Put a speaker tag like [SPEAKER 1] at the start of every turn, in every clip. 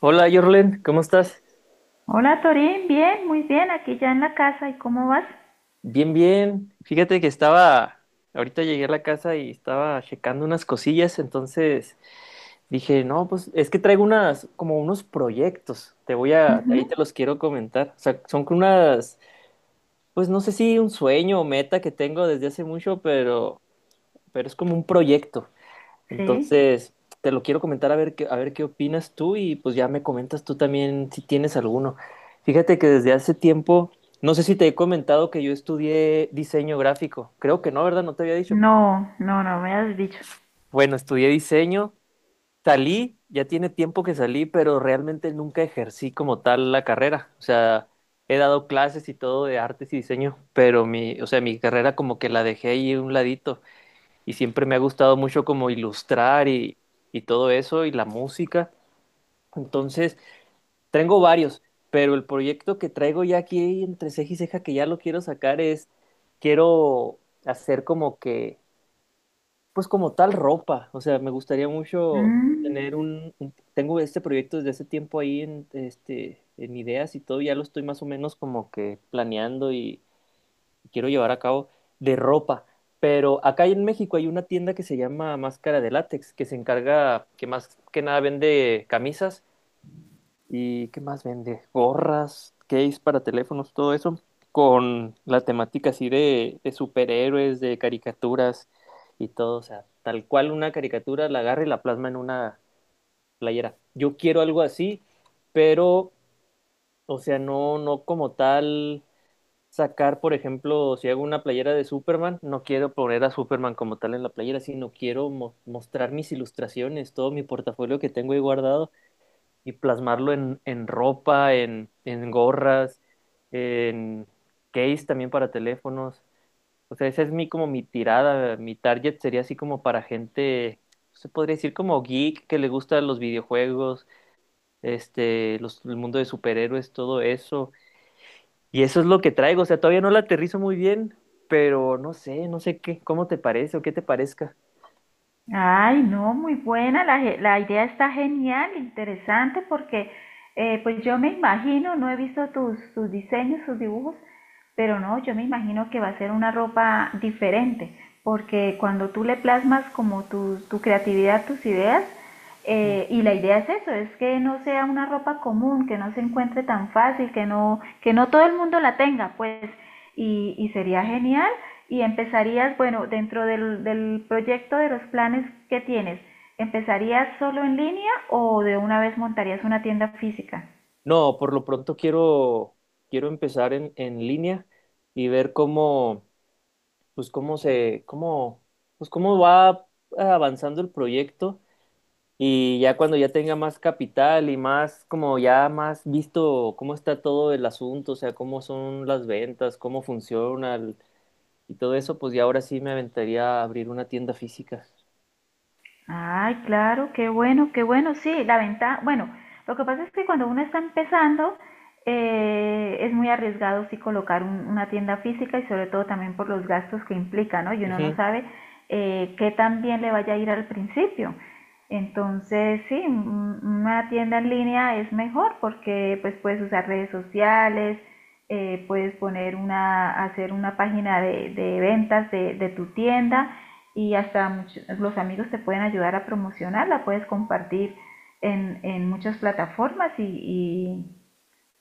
[SPEAKER 1] Hola, Jorlen, ¿cómo estás?
[SPEAKER 2] Hola Torín, bien, muy bien, aquí ya en la casa. ¿Y cómo vas?
[SPEAKER 1] Bien, bien. Fíjate que estaba, ahorita llegué a la casa y estaba checando unas cosillas, entonces dije, no, pues es que traigo unas, como unos proyectos, te voy a,
[SPEAKER 2] Ujú,
[SPEAKER 1] ahí te los quiero comentar. O sea, son con unas, pues no sé si un sueño o meta que tengo desde hace mucho, pero es como un proyecto.
[SPEAKER 2] sí.
[SPEAKER 1] Entonces, te lo quiero comentar a ver qué opinas tú y pues ya me comentas tú también si tienes alguno. Fíjate que desde hace tiempo, no sé si te he comentado que yo estudié diseño gráfico. Creo que no, ¿verdad? No te había dicho.
[SPEAKER 2] No, no, no me has dicho.
[SPEAKER 1] Bueno, estudié diseño, salí, ya tiene tiempo que salí, pero realmente nunca ejercí como tal la carrera. O sea, he dado clases y todo de artes y diseño, pero mi, o sea, mi carrera como que la dejé ahí a un ladito y siempre me ha gustado mucho como ilustrar y todo eso y la música. Entonces, tengo varios, pero el proyecto que traigo ya aquí entre ceja y ceja que ya lo quiero sacar es, quiero hacer como que, pues como tal ropa, o sea, me gustaría mucho tener
[SPEAKER 2] Mm.
[SPEAKER 1] un, tengo este proyecto desde hace tiempo ahí en, este, en ideas y todo, ya lo estoy más o menos como que planeando y, quiero llevar a cabo de ropa. Pero acá en México hay una tienda que se llama Máscara de Látex, que se encarga, que más que nada vende camisas y qué más vende, gorras, case para teléfonos, todo eso, con la temática así de superhéroes, de caricaturas y todo. O sea, tal cual una caricatura la agarra y la plasma en una playera. Yo quiero algo así, pero, o sea, no, no como tal sacar, por ejemplo, si hago una playera de Superman, no quiero poner a Superman como tal en la playera, sino quiero mostrar mis ilustraciones, todo mi portafolio que tengo ahí guardado y plasmarlo en ropa, en gorras, en case también para teléfonos. O sea, esa es mi como mi tirada, mi target sería así como para gente, se podría decir como geek que le gustan los videojuegos, este, los, el mundo de superhéroes, todo eso y eso es lo que traigo, o sea, todavía no la aterrizo muy bien, pero no sé, no sé qué, cómo te parece o qué te parezca.
[SPEAKER 2] Ay, no, muy buena, la idea está genial, interesante, porque pues yo me imagino, no he visto tus diseños, tus dibujos, pero no, yo me imagino que va a ser una ropa diferente, porque cuando tú le plasmas como tu creatividad, tus ideas.
[SPEAKER 1] Ujú.
[SPEAKER 2] Y la idea es eso, es que no sea una ropa común, que no se encuentre tan fácil, que no todo el mundo la tenga, pues y sería genial. Y empezarías, bueno, dentro del proyecto, de los planes que tienes, ¿empezarías solo en línea o de una vez montarías una tienda física?
[SPEAKER 1] No, por lo pronto quiero, quiero empezar en línea y ver cómo, pues cómo se, cómo, pues cómo va avanzando el proyecto y ya cuando ya tenga más capital y más, como ya más visto cómo está todo el asunto, o sea, cómo son las ventas, cómo funciona y todo eso, pues ya ahora sí me aventaría a abrir una tienda física.
[SPEAKER 2] Ay, claro, qué bueno, qué bueno. Sí, la ventaja, bueno, lo que pasa es que cuando uno está empezando, es muy arriesgado sí colocar una tienda física, y sobre todo también por los gastos que implica, ¿no? Y uno no
[SPEAKER 1] Ujú.
[SPEAKER 2] sabe qué tan bien le vaya a ir al principio. Entonces, sí, una tienda en línea es mejor, porque pues puedes usar redes sociales, puedes poner una, hacer una página de ventas de tu tienda, y hasta los amigos te pueden ayudar a promocionarla, puedes compartir en muchas plataformas, y, y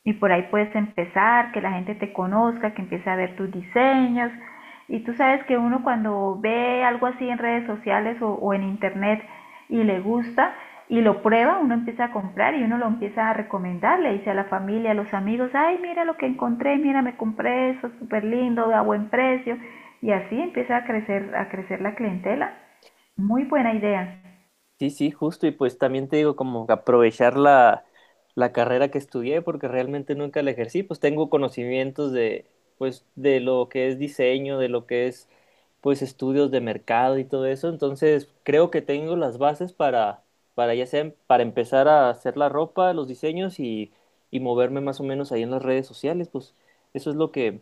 [SPEAKER 2] y por ahí puedes empezar, que la gente te conozca, que empiece a ver tus diseños. Y tú sabes que uno, cuando ve algo así en redes sociales o en internet y le gusta y lo prueba, uno empieza a comprar y uno lo empieza a recomendar, le dice a la familia, a los amigos: ay, mira lo que encontré, mira, me compré eso, súper lindo, a buen precio. Y así empieza a crecer la clientela. Muy buena idea.
[SPEAKER 1] Sí, sí, justo. Y pues también te digo, como aprovechar la, la carrera que estudié, porque realmente nunca la ejercí. Pues tengo conocimientos de, pues, de lo que es diseño, de lo que es, pues, estudios de mercado y todo eso. Entonces, creo que tengo las bases para ya sea, para empezar a hacer la ropa, los diseños y moverme más o menos ahí en las redes sociales. Pues eso es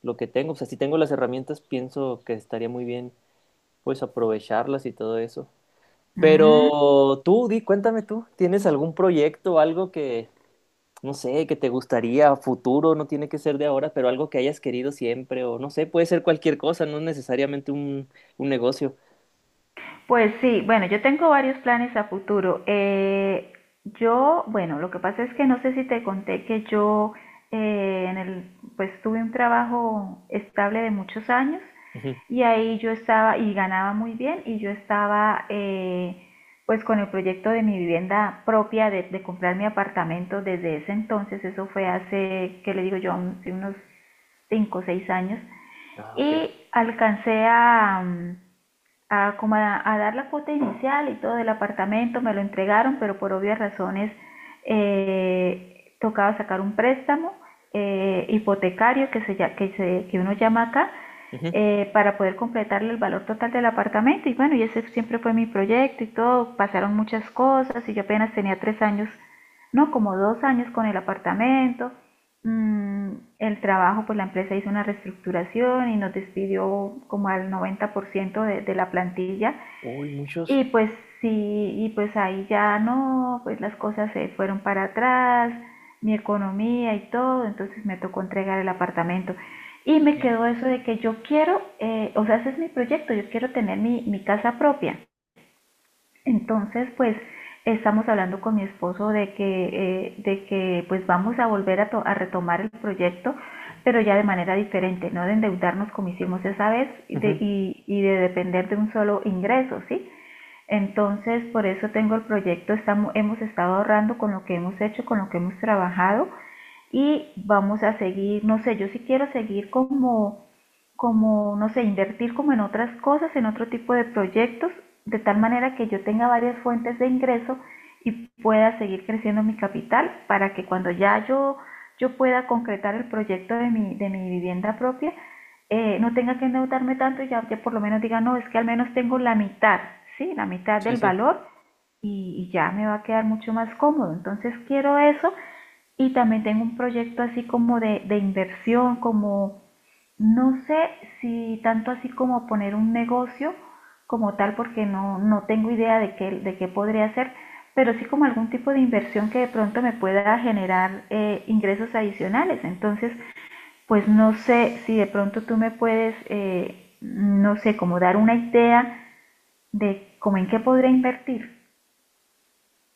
[SPEAKER 1] lo que tengo. O sea, si tengo las herramientas, pienso que estaría muy bien, pues, aprovecharlas y todo eso.
[SPEAKER 2] Mm.
[SPEAKER 1] Pero tú, di, cuéntame tú, ¿tienes algún proyecto, algo que, no sé, que te gustaría a futuro, no tiene que ser de ahora, pero algo que hayas querido siempre, o no sé, puede ser cualquier cosa, no necesariamente un negocio.
[SPEAKER 2] Pues sí, bueno, yo tengo varios planes a futuro. Yo, bueno, lo que pasa es que no sé si te conté que yo, eh, en el, pues tuve un trabajo estable de muchos años,
[SPEAKER 1] Ujú.
[SPEAKER 2] y ahí yo estaba y ganaba muy bien, y yo estaba, pues, con el proyecto de mi vivienda propia de comprar mi apartamento desde ese entonces. Eso fue hace, ¿qué le digo yo? Sí, unos 5, o 6 años,
[SPEAKER 1] Ah, ok.
[SPEAKER 2] y alcancé a, mm, a, como a dar la cuota inicial y todo del apartamento, me lo entregaron, pero por obvias razones tocaba sacar un préstamo, hipotecario, que uno llama acá,
[SPEAKER 1] Ujú.
[SPEAKER 2] para poder completarle el valor total del apartamento. Y bueno, y ese siempre fue mi proyecto y todo. Pasaron muchas cosas, y yo apenas tenía 3 años, no, como 2 años con el apartamento. Mm, el trabajo, pues, la empresa hizo una reestructuración y nos despidió como al 90% de la plantilla.
[SPEAKER 1] Uy, muchos.
[SPEAKER 2] Y pues sí, y pues ahí ya no, pues las cosas se fueron para atrás, mi economía y todo, entonces me tocó entregar el apartamento. Y me
[SPEAKER 1] Y-
[SPEAKER 2] quedó eso de que yo quiero, o sea, ese es mi proyecto, yo quiero tener mi casa propia. Entonces, pues, estamos hablando con mi esposo de que pues vamos a volver a retomar el proyecto, pero ya de manera diferente, no de endeudarnos como hicimos esa vez, y de,
[SPEAKER 1] ujú.
[SPEAKER 2] y de depender de un solo ingreso, ¿sí? Entonces, por eso tengo el proyecto, estamos, hemos estado ahorrando con lo que hemos hecho, con lo que hemos trabajado, y vamos a seguir, no sé, yo sí quiero seguir como, no sé, invertir como en otras cosas, en otro tipo de proyectos, de tal manera que yo tenga varias fuentes de ingreso y pueda seguir creciendo mi capital, para que cuando ya yo pueda concretar el proyecto de mi vivienda propia, no tenga que endeudarme tanto, y ya, ya, por lo menos diga: no, es que al menos tengo la mitad, ¿sí? La mitad
[SPEAKER 1] Sí,
[SPEAKER 2] del
[SPEAKER 1] sí.
[SPEAKER 2] valor, y ya me va a quedar mucho más cómodo. Entonces quiero eso, y también tengo un proyecto así como de inversión, como no sé si tanto así como poner un negocio como tal, porque no, no tengo idea de qué podría hacer, pero sí como algún tipo de inversión que de pronto me pueda generar, ingresos adicionales. Entonces, pues, no sé si de pronto tú me puedes, no sé, como dar una idea de cómo, en qué podría invertir.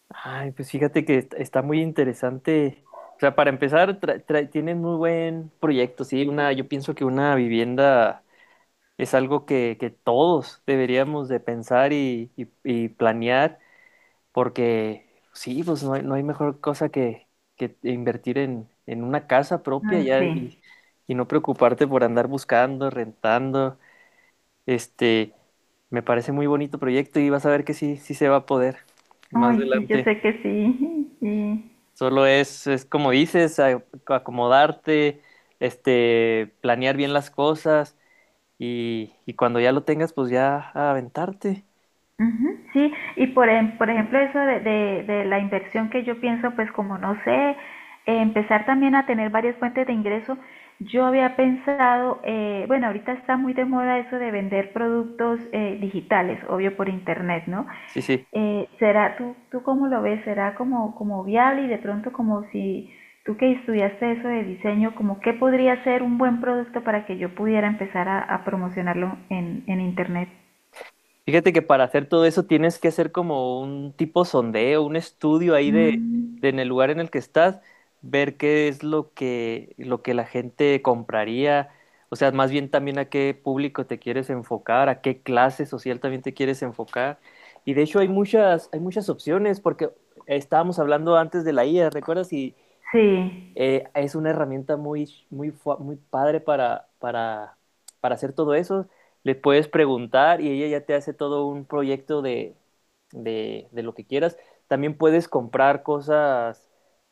[SPEAKER 1] Ay, pues fíjate que está muy interesante. O sea, para empezar, tienen muy buen proyecto, sí, una, yo pienso que una vivienda es algo que todos deberíamos de pensar y, y planear, porque sí, pues no hay, no hay mejor cosa que invertir en una casa propia
[SPEAKER 2] Ay,
[SPEAKER 1] ya
[SPEAKER 2] sí.
[SPEAKER 1] y no preocuparte por andar buscando, rentando. Este, me parece muy bonito proyecto y vas a ver que sí, sí se va a poder más
[SPEAKER 2] Ay, sí, yo
[SPEAKER 1] adelante.
[SPEAKER 2] sé que sí, sí.
[SPEAKER 1] Solo es como dices, acomodarte, este, planear bien las cosas y cuando ya lo tengas, pues ya aventarte.
[SPEAKER 2] Ujú, sí, y por ejemplo, eso de la inversión, que yo pienso, pues como no sé, empezar también a tener varias fuentes de ingreso. Yo había pensado, bueno, ahorita está muy de moda eso de vender productos digitales, obvio por internet, ¿no?
[SPEAKER 1] Sí, sí.
[SPEAKER 2] ¿Será, tú cómo lo ves? ¿Será como viable? Y de pronto, como si tú, que estudiaste eso de diseño, como qué podría ser un buen producto para que yo pudiera empezar a promocionarlo en internet.
[SPEAKER 1] Fíjate que para hacer todo eso tienes que hacer como un tipo sondeo, un estudio ahí
[SPEAKER 2] Mm,
[SPEAKER 1] de en el lugar en el que estás, ver qué es lo que la gente compraría, o sea, más bien también a qué público te quieres enfocar, a qué clase social también te quieres enfocar. Y de hecho hay muchas opciones, porque estábamos hablando antes de la IA, ¿recuerdas? Y,
[SPEAKER 2] sí.
[SPEAKER 1] es una herramienta muy, muy, muy padre para hacer todo eso. Le puedes preguntar y ella ya te hace todo un proyecto de lo que quieras. También puedes comprar cosas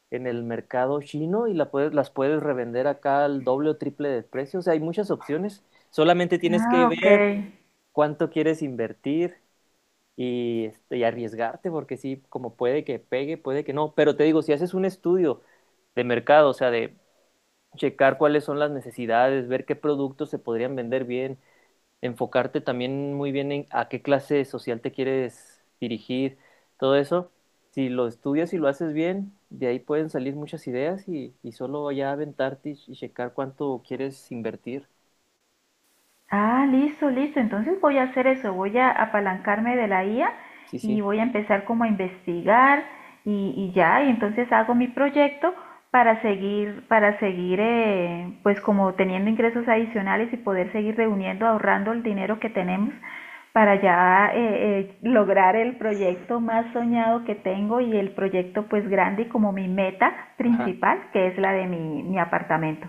[SPEAKER 1] en el mercado chino y la puedes, las puedes revender acá al doble o triple del precio. O sea, hay muchas opciones. Solamente tienes que
[SPEAKER 2] Ah, ok.
[SPEAKER 1] ver cuánto quieres invertir y, este, y arriesgarte, porque sí, como puede que pegue, puede que no. Pero te digo, si haces un estudio de mercado, o sea, de checar cuáles son las necesidades, ver qué productos se podrían vender bien, enfocarte también muy bien en a qué clase social te quieres dirigir, todo eso. Si lo estudias y lo haces bien, de ahí pueden salir muchas ideas y solo ya aventarte y checar cuánto quieres invertir.
[SPEAKER 2] Ah, listo, listo. Entonces voy a hacer eso, voy a apalancarme de la IA
[SPEAKER 1] Sí,
[SPEAKER 2] y
[SPEAKER 1] sí.
[SPEAKER 2] voy a empezar como a investigar, y ya, y entonces hago mi proyecto para seguir, pues, como teniendo ingresos adicionales, y poder seguir reuniendo, ahorrando el dinero que tenemos, para ya lograr el proyecto más soñado que tengo, y el proyecto pues grande y como mi meta
[SPEAKER 1] Ajá.
[SPEAKER 2] principal, que es la de mi apartamento.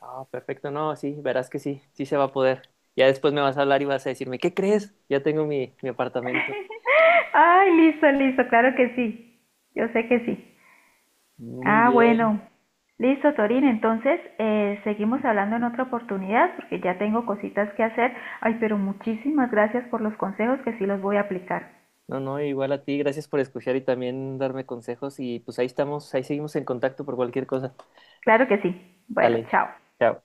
[SPEAKER 1] Ah, perfecto. No, sí, verás que sí, sí se va a poder. Ya después me vas a hablar y vas a decirme, ¿qué crees? Ya tengo mi, mi apartamento.
[SPEAKER 2] Ay, listo, listo, claro que sí. Yo sé que sí.
[SPEAKER 1] Muy
[SPEAKER 2] Ah,
[SPEAKER 1] bien.
[SPEAKER 2] bueno. Listo, Torín. Entonces, seguimos hablando en otra oportunidad, porque ya tengo cositas que hacer. Ay, pero muchísimas gracias por los consejos, que sí los voy a aplicar.
[SPEAKER 1] No, no, igual a ti, gracias por escuchar y también darme consejos y pues ahí estamos, ahí seguimos en contacto por cualquier cosa.
[SPEAKER 2] Claro que sí. Bueno,
[SPEAKER 1] Dale,
[SPEAKER 2] chao.
[SPEAKER 1] chao.